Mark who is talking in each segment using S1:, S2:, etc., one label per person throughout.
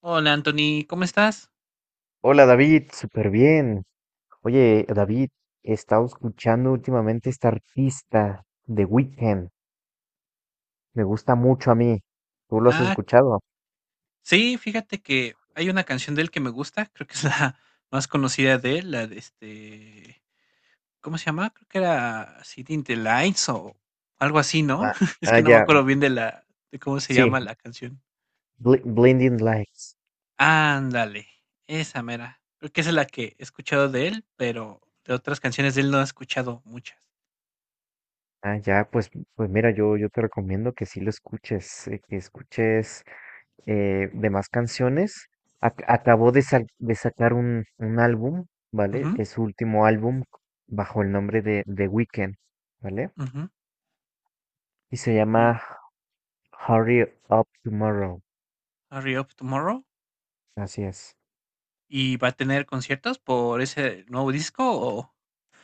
S1: Hola Anthony, ¿cómo estás?
S2: Hola David, súper bien. Oye, David, he estado escuchando últimamente esta artista de Weekend. Me gusta mucho a mí. ¿Tú lo has
S1: Ah,
S2: escuchado?
S1: sí, fíjate que hay una canción de él que me gusta, creo que es la más conocida de él, la de ¿cómo se llama? Creo que era City in the Lights o algo así, ¿no?
S2: Ah,
S1: Es
S2: ah,
S1: que no me
S2: ya,
S1: acuerdo bien de cómo se
S2: sí.
S1: llama la canción.
S2: Blinding Lights.
S1: Ándale, esa mera. Creo que esa es la que he escuchado de él, pero de otras canciones de él no he escuchado muchas.
S2: Ah, ya, pues, pues mira, yo te recomiendo que sí lo escuches, que escuches demás canciones. Acabó de sacar un álbum, ¿vale?
S1: Ujú,
S2: Es su último álbum bajo el nombre de The Weekend, ¿vale?
S1: ujú.
S2: Y se
S1: Y
S2: llama Hurry Up Tomorrow.
S1: Hurry Up Tomorrow.
S2: Así es.
S1: ¿Y va a tener conciertos por ese nuevo disco o?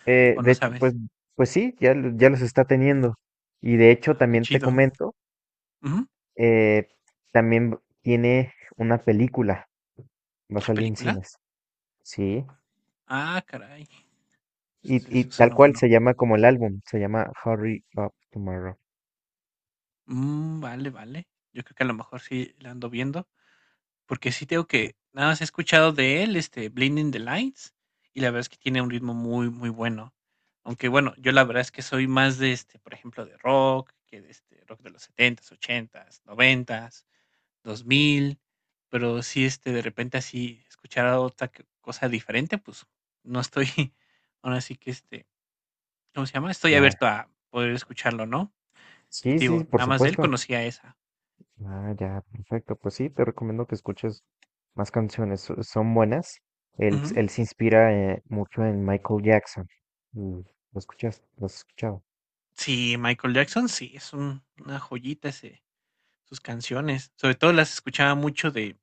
S1: ¿O
S2: De
S1: no
S2: hecho, pues,
S1: sabes?
S2: pues sí, ya, ya los está teniendo. Y de hecho,
S1: Ah, qué
S2: también te
S1: chido.
S2: comento,
S1: Ujú.
S2: eh, también tiene una película. Va a
S1: ¿La
S2: salir en
S1: película?
S2: cines. Sí.
S1: Ah, caray. Eso
S2: Y
S1: eso
S2: tal
S1: suena
S2: cual se
S1: bueno.
S2: llama como el álbum. Se llama Hurry Up Tomorrow.
S1: Mm, vale, vale. Yo creo que a lo mejor sí la ando viendo, porque sí tengo que, nada más he escuchado de él, Blinding the Lights, y la verdad es que tiene un ritmo muy, muy bueno. Aunque bueno, yo la verdad es que soy más de por ejemplo, de rock, que de este rock de los setentas ochentas noventas dos mil, pero sí, de repente así escuchar a otra c cosa diferente, pues, no estoy ahora sí que, ¿cómo se llama? Estoy
S2: Ya.
S1: abierto a poder escucharlo, ¿no? Y
S2: Sí,
S1: te digo,
S2: sí, por
S1: nada más de él
S2: supuesto.
S1: conocía esa.
S2: Ah, ya, perfecto. Pues sí, te recomiendo que escuches más canciones. Son buenas. Él,
S1: Ujú.
S2: él se inspira mucho en Michael Jackson. Mm. ¿Lo escuchas? ¿Lo has escuchado?
S1: Sí, Michael Jackson, sí, es un una joyita ese sus canciones. Sobre todo las escuchaba mucho de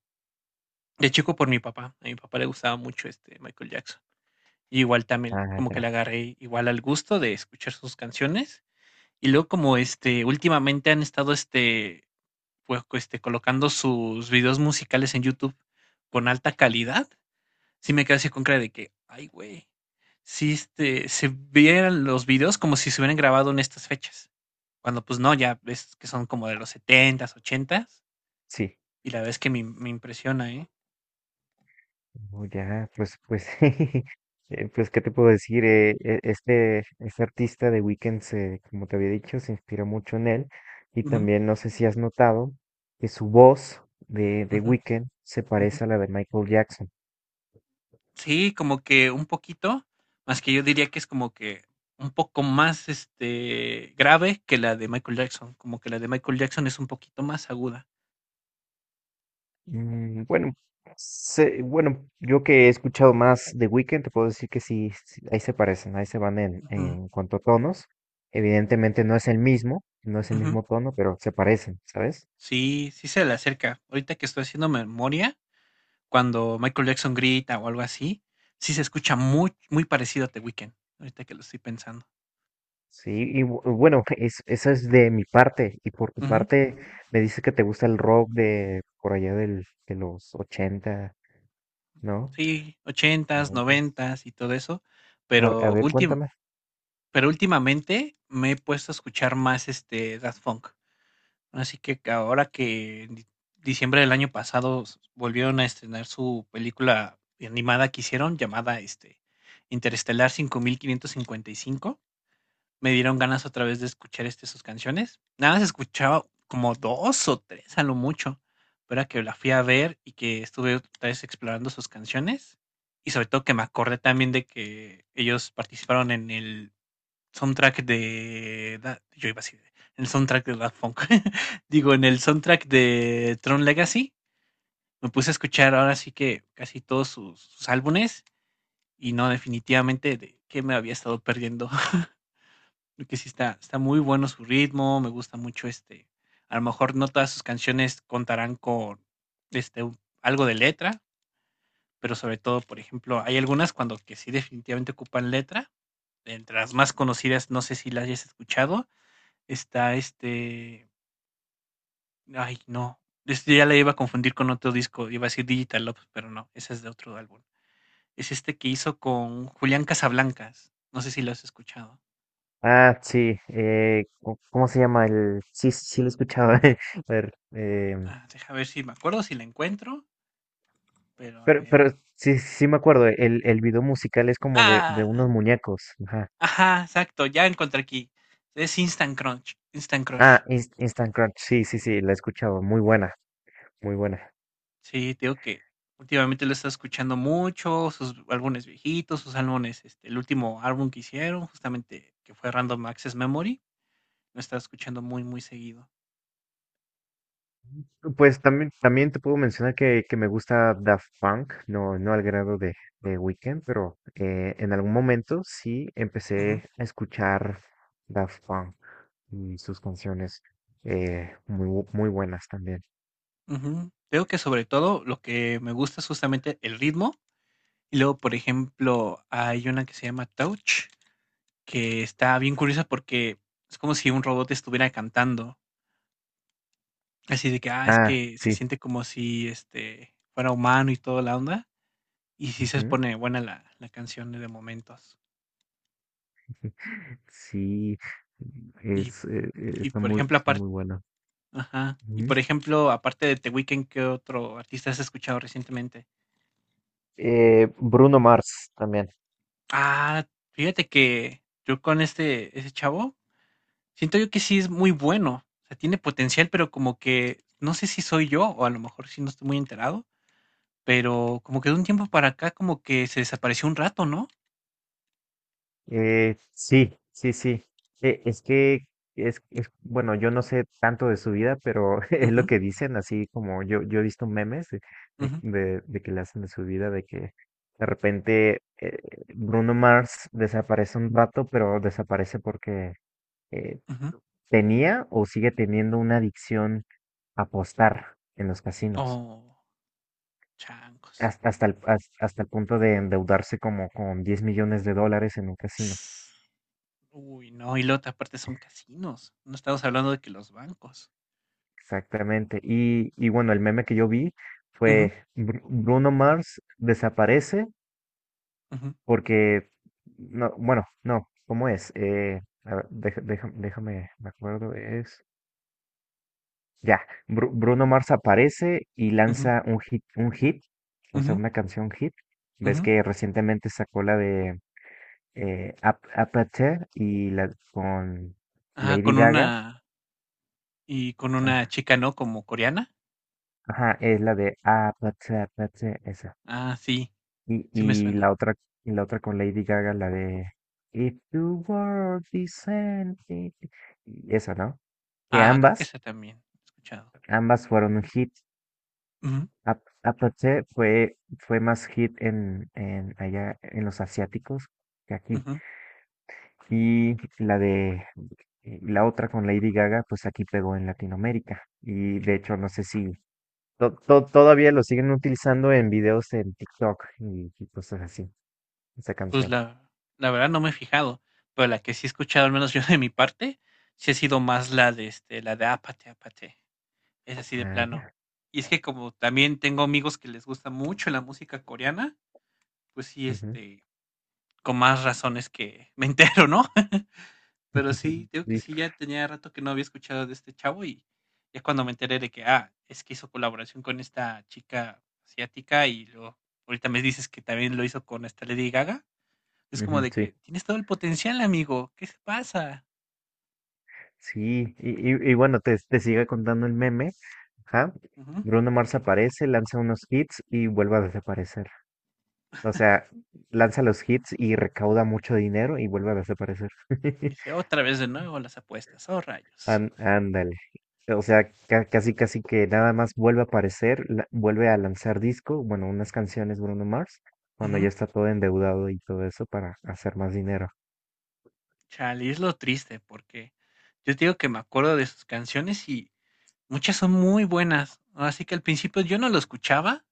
S1: de chico por mi papá. A mi papá le gustaba mucho, Michael Jackson. Y igual también
S2: Ah,
S1: como que le
S2: ya,
S1: agarré igual al gusto de escuchar sus canciones. Y luego como, últimamente han estado, pues, colocando sus videos musicales en YouTube con alta calidad. Sí me quedé así con cara de que, ay, güey, sí, se vieran los videos como si se hubieran grabado en estas fechas. Cuando pues no, ya ves que son como de los setentas ochentas
S2: sí.
S1: y la verdad es que me impresiona, ¿eh?
S2: Oh, ya, pues, pues, pues, ¿qué te puedo decir? Este, este artista de Weeknd, como te había dicho, se inspira mucho en él. Y
S1: Ujú,
S2: también, no sé si has notado, que su voz de
S1: ujú,
S2: Weeknd se
S1: ujú.
S2: parece a la de Michael Jackson.
S1: Sí, como que un poquito, más que yo diría que es como que un poco más, grave que la de Michael Jackson, como que la de Michael Jackson es un poquito más aguda.
S2: Mm, bueno, bueno, yo que he escuchado más de Weekend, te puedo decir que sí, sí, ahí se parecen, ahí se van
S1: Ujú,
S2: en cuanto a tonos. Evidentemente no es el mismo, no es el
S1: ujú.
S2: mismo tono, pero se parecen, ¿sabes?
S1: Sí, sí se le acerca. Ahorita que estoy haciendo memoria, cuando Michael Jackson grita o algo así, sí se escucha muy, muy parecido a The Weeknd, ahorita que lo estoy pensando.
S2: Sí, y bueno, eso es de mi parte. Y por tu
S1: Ujú.
S2: parte, me dices que te gusta el rock de por allá del, de los ochenta, ¿no?
S1: Sí, ochentas,
S2: 90.
S1: noventas y todo eso,
S2: A
S1: pero
S2: ver,
S1: últim-
S2: cuéntame.
S1: pero últimamente me he puesto a escuchar más este Daft Punk. Así que ahora que en diciembre del año pasado volvieron a estrenar su película animada que hicieron llamada Interestelar 5555. Me dieron ganas otra vez de escuchar, sus canciones. Nada más escuchaba como 2 o 3, a lo mucho, pero ahora que la fui a ver y que estuve otra vez explorando sus canciones, y sobre todo que me acordé también de que ellos participaron en el soundtrack de da yo iba a decir, en el soundtrack de Daft Punk, digo, en el soundtrack de Tron Legacy, me puse a escuchar ahora sí que casi todos sus álbumes y no, definitivamente de qué me había estado perdiendo. Creo que sí está muy bueno su ritmo, me gusta mucho, a lo mejor no todas sus canciones contarán con, un algo de letra, pero sobre todo, por ejemplo, hay algunas cuando que sí definitivamente ocupan letra, entre las más conocidas, no sé si las hayas escuchado, está, ay, no, ya la iba a confundir con otro disco, iba a decir Digital Love, pero no, esa es de otro álbum. Es este que hizo con Julián Casablancas, no sé si lo has escuchado.
S2: Ah, sí, ¿cómo cómo se llama el...? Sí, sí sí lo he escuchado. A ver,
S1: Ah, deja ver si me acuerdo, si la encuentro, pero a
S2: Pero,
S1: ver.
S2: pero sí, sí me acuerdo, el video musical es como de
S1: Ah,
S2: unos muñecos. Ajá.
S1: ajá, exacto, ya encontré aquí. Es Instant Crunch, Instant Crush.
S2: Ah, Instant Crunch, sí, sí, sí, la he escuchado, muy buena, muy buena.
S1: Sí, te digo que últimamente lo he estado escuchando mucho, sus álbumes viejitos, sus álbumes, el último álbum que hicieron, justamente que fue Random Access Memory, lo he estado escuchando muy, muy seguido.
S2: Pues también, también te puedo mencionar que me gusta Daft Punk, no, no al grado de Weeknd, pero en algún momento sí
S1: Ujú,
S2: empecé a escuchar Daft Punk y sus canciones muy, muy buenas también.
S1: ujú. Te digo que sobre todo lo que me gusta es justamente el ritmo. Y luego, por ejemplo, hay una que se llama Touch, que está bien curiosa porque es como si un robot estuviera cantando. Así de que, ah, es
S2: Ah,
S1: que se
S2: sí.
S1: siente como si, fuera humano y toda la onda, y sí se
S2: Ujú.
S1: pone buena la canción de momentos.
S2: Sí,
S1: Y y por ejemplo,
S2: está
S1: aparte,
S2: muy bueno.
S1: ajá, y
S2: Ujú.
S1: por ejemplo, aparte de The Weeknd, ¿qué otro artista has escuchado recientemente?
S2: Bruno Mars también.
S1: Ah, fíjate que yo con ese chavo, siento yo que sí es muy bueno, o sea, tiene potencial, pero como que no sé si soy yo, o a lo mejor sí no estoy muy enterado, pero como que de un tiempo para acá como que se desapareció un rato, ¿no?
S2: Sí, sí, sí. Es que es- bueno, yo no sé tanto de su vida, pero es lo
S1: Ujú,
S2: que dicen, así como yo he visto memes de,
S1: ujú,
S2: de que le hacen de su vida, de que de repente Bruno Mars desaparece un rato, pero desaparece porque eh,
S1: ujú.
S2: tenía o sigue teniendo una adicción a apostar en los casinos.
S1: Oh, chancos.
S2: Hasta el, hasta el punto de endeudarse como con 10 millones de dólares en un casino.
S1: Ss. Uy, no, y luego te aparte son casinos. No estamos hablando de que los bancos.
S2: Exactamente. Y bueno, el meme que yo vi
S1: Ujú,
S2: fue Bruno Mars desaparece
S1: ujú,
S2: porque, no, bueno, no, ¿cómo es? A ver, déjame, me acuerdo, es... Ya, Bruno Mars aparece y
S1: ujú,
S2: lanza un hit, o sea,
S1: ujú,
S2: una canción hit. Ves
S1: ujú.
S2: que recientemente sacó la de Aperture y la con...
S1: Ah,
S2: Lady
S1: con
S2: Gaga.
S1: una y con una
S2: Ajá,
S1: chica, ¿no? Como coreana.
S2: ajá, es la de Ah, Platzi, Platzi, esa.
S1: Ah, sí,
S2: Y,
S1: sí me
S2: y
S1: suena.
S2: la otra, y la otra con Lady Gaga, la de If the world is ending, y esa, ¿no? Que
S1: Ah, creo que
S2: ambas,
S1: esa también he escuchado.
S2: ambas fueron un hit.
S1: Ujú,
S2: Ah, ah, fue, fue más hit en allá en los asiáticos que aquí.
S1: ujú.
S2: Y la de y la otra con Lady Gaga, pues aquí pegó en Latinoamérica. Y de hecho, no sé si todavía lo siguen utilizando en videos en TikTok y cosas así, esa
S1: Pues
S2: canción.
S1: la verdad no me he fijado, pero la que sí he escuchado, al menos yo de mi parte, sí ha sido más la de la de Apate, Apate. Es así de
S2: Ah,
S1: plano.
S2: ya.
S1: Y es que como también tengo amigos que les gusta mucho la música coreana, pues sí,
S2: Ujú.
S1: con más razones que me entero, ¿no? Pero sí, digo que
S2: Sí,
S1: sí, ya tenía rato que no había escuchado de este chavo y ya cuando me enteré de que, ah, es que hizo colaboración con esta chica asiática y luego ahorita me dices que también lo hizo con esta Lady Gaga, es como
S2: ujú,
S1: de que
S2: sí,
S1: tienes todo el potencial, amigo, ¿qué se pasa?
S2: sí. Y, y bueno, te sigue contando el meme. Ajá.
S1: Ujú.
S2: Bruno Mars aparece, lanza unos hits y vuelve a desaparecer. O sea, lanza los hits y recauda mucho dinero y vuelve a desaparecer.
S1: Dice, otra vez de nuevo las apuestas, oh rayos.
S2: Ándale. O sea, casi casi que nada más vuelve a aparecer, vuelve a lanzar disco, bueno, unas canciones Bruno Mars, cuando ya está todo endeudado y todo eso para hacer más dinero.
S1: Chale, es lo triste porque yo te digo que me acuerdo de sus canciones y muchas son muy buenas, ¿no? Así que al principio yo no lo escuchaba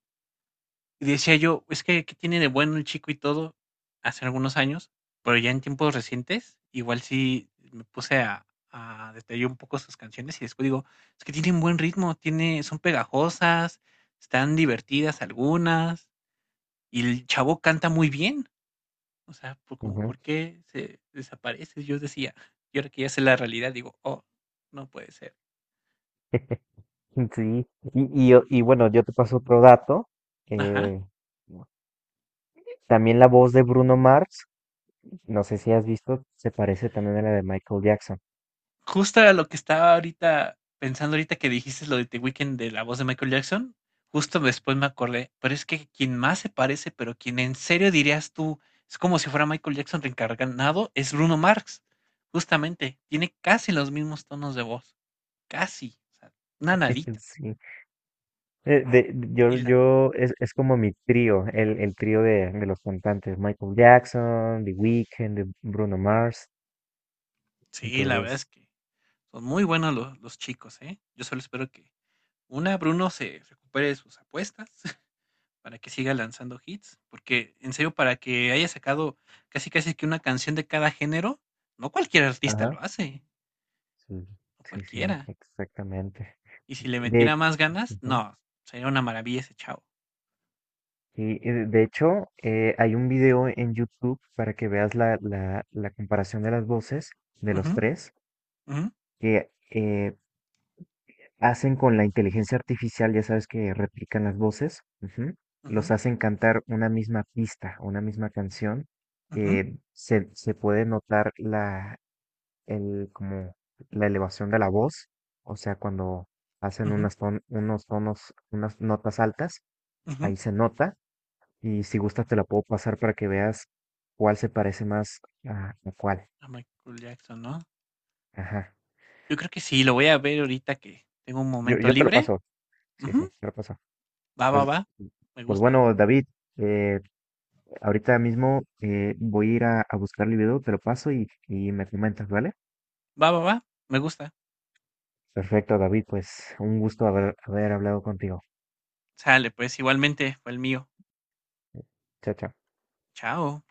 S1: y decía yo, es que ¿qué tiene de bueno el chico y todo? Hace algunos años, pero ya en tiempos recientes, igual sí me puse a detallar un poco sus canciones y después digo, es que tienen buen ritmo, tiene, son pegajosas, están divertidas algunas y el chavo canta muy bien. O sea, por como,
S2: Ujú.
S1: ¿por qué se desaparece? Yo decía, y ahora que ya sé la realidad, digo, oh, no puede ser.
S2: Sí, y bueno, yo te paso otro dato.
S1: Ajá.
S2: eh, También la voz de Bruno Mars, no sé si has visto, se parece también a la de Michael Jackson.
S1: Justo a lo que estaba ahorita pensando ahorita que dijiste lo de The Weeknd de la voz de Michael Jackson, justo después me acordé, pero es que quien más se parece, pero quien en serio dirías tú, es como si fuera Michael Jackson reencarnado, es Bruno Mars. Justamente, tiene casi los mismos tonos de voz, casi, o sea, una nadita.
S2: Sí.
S1: Y
S2: Es como mi trío, el trío de los cantantes, Michael Jackson, The Weeknd, de Bruno Mars.
S1: sí, la verdad es
S2: Entonces,
S1: que son muy buenos los chicos, ¿eh? Yo solo espero que Bruno se recupere de sus apuestas para que siga lanzando hits, porque en serio, para que haya sacado casi casi que una canción de cada género, no cualquier artista
S2: ajá,
S1: lo hace,
S2: sí,
S1: no
S2: sí, sí,
S1: cualquiera.
S2: exactamente.
S1: Y si le
S2: De,
S1: metiera más ganas,
S2: ujú.
S1: no, sería una maravilla ese chavo.
S2: Y de hecho, hay un video en YouTube para que veas la, la, la comparación de las voces de
S1: Ujú,
S2: los tres,
S1: ujú,
S2: que hacen con la inteligencia artificial, ya sabes que replican las voces, ujú,
S1: ujú,
S2: los hacen cantar una misma pista, una misma canción,
S1: ujú,
S2: que se puede notar la, el, como la elevación de la voz, o sea, cuando hacen
S1: ujú,
S2: unos tonos, unas notas altas,
S1: ujú.
S2: ahí se nota, y si gustas te la puedo pasar para que veas cuál se parece más a cuál.
S1: A Michael Jackson, ¿no?
S2: Ajá.
S1: Yo creo que sí, lo voy a ver ahorita que tengo un
S2: Yo,
S1: momento
S2: yo te lo
S1: libre.
S2: paso. Sí, sí,
S1: Ujú,
S2: te lo paso.
S1: va, va,
S2: Pues,
S1: va, me
S2: pues
S1: gusta.
S2: bueno, David, eh, ahorita mismo voy a ir a buscar el video, te lo paso y me comentas, ¿vale?
S1: Va, va, va, me gusta.
S2: Perfecto, David, pues un gusto haber, haber hablado contigo.
S1: Sale, pues igualmente fue el mío.
S2: Chao, chao.
S1: Chao.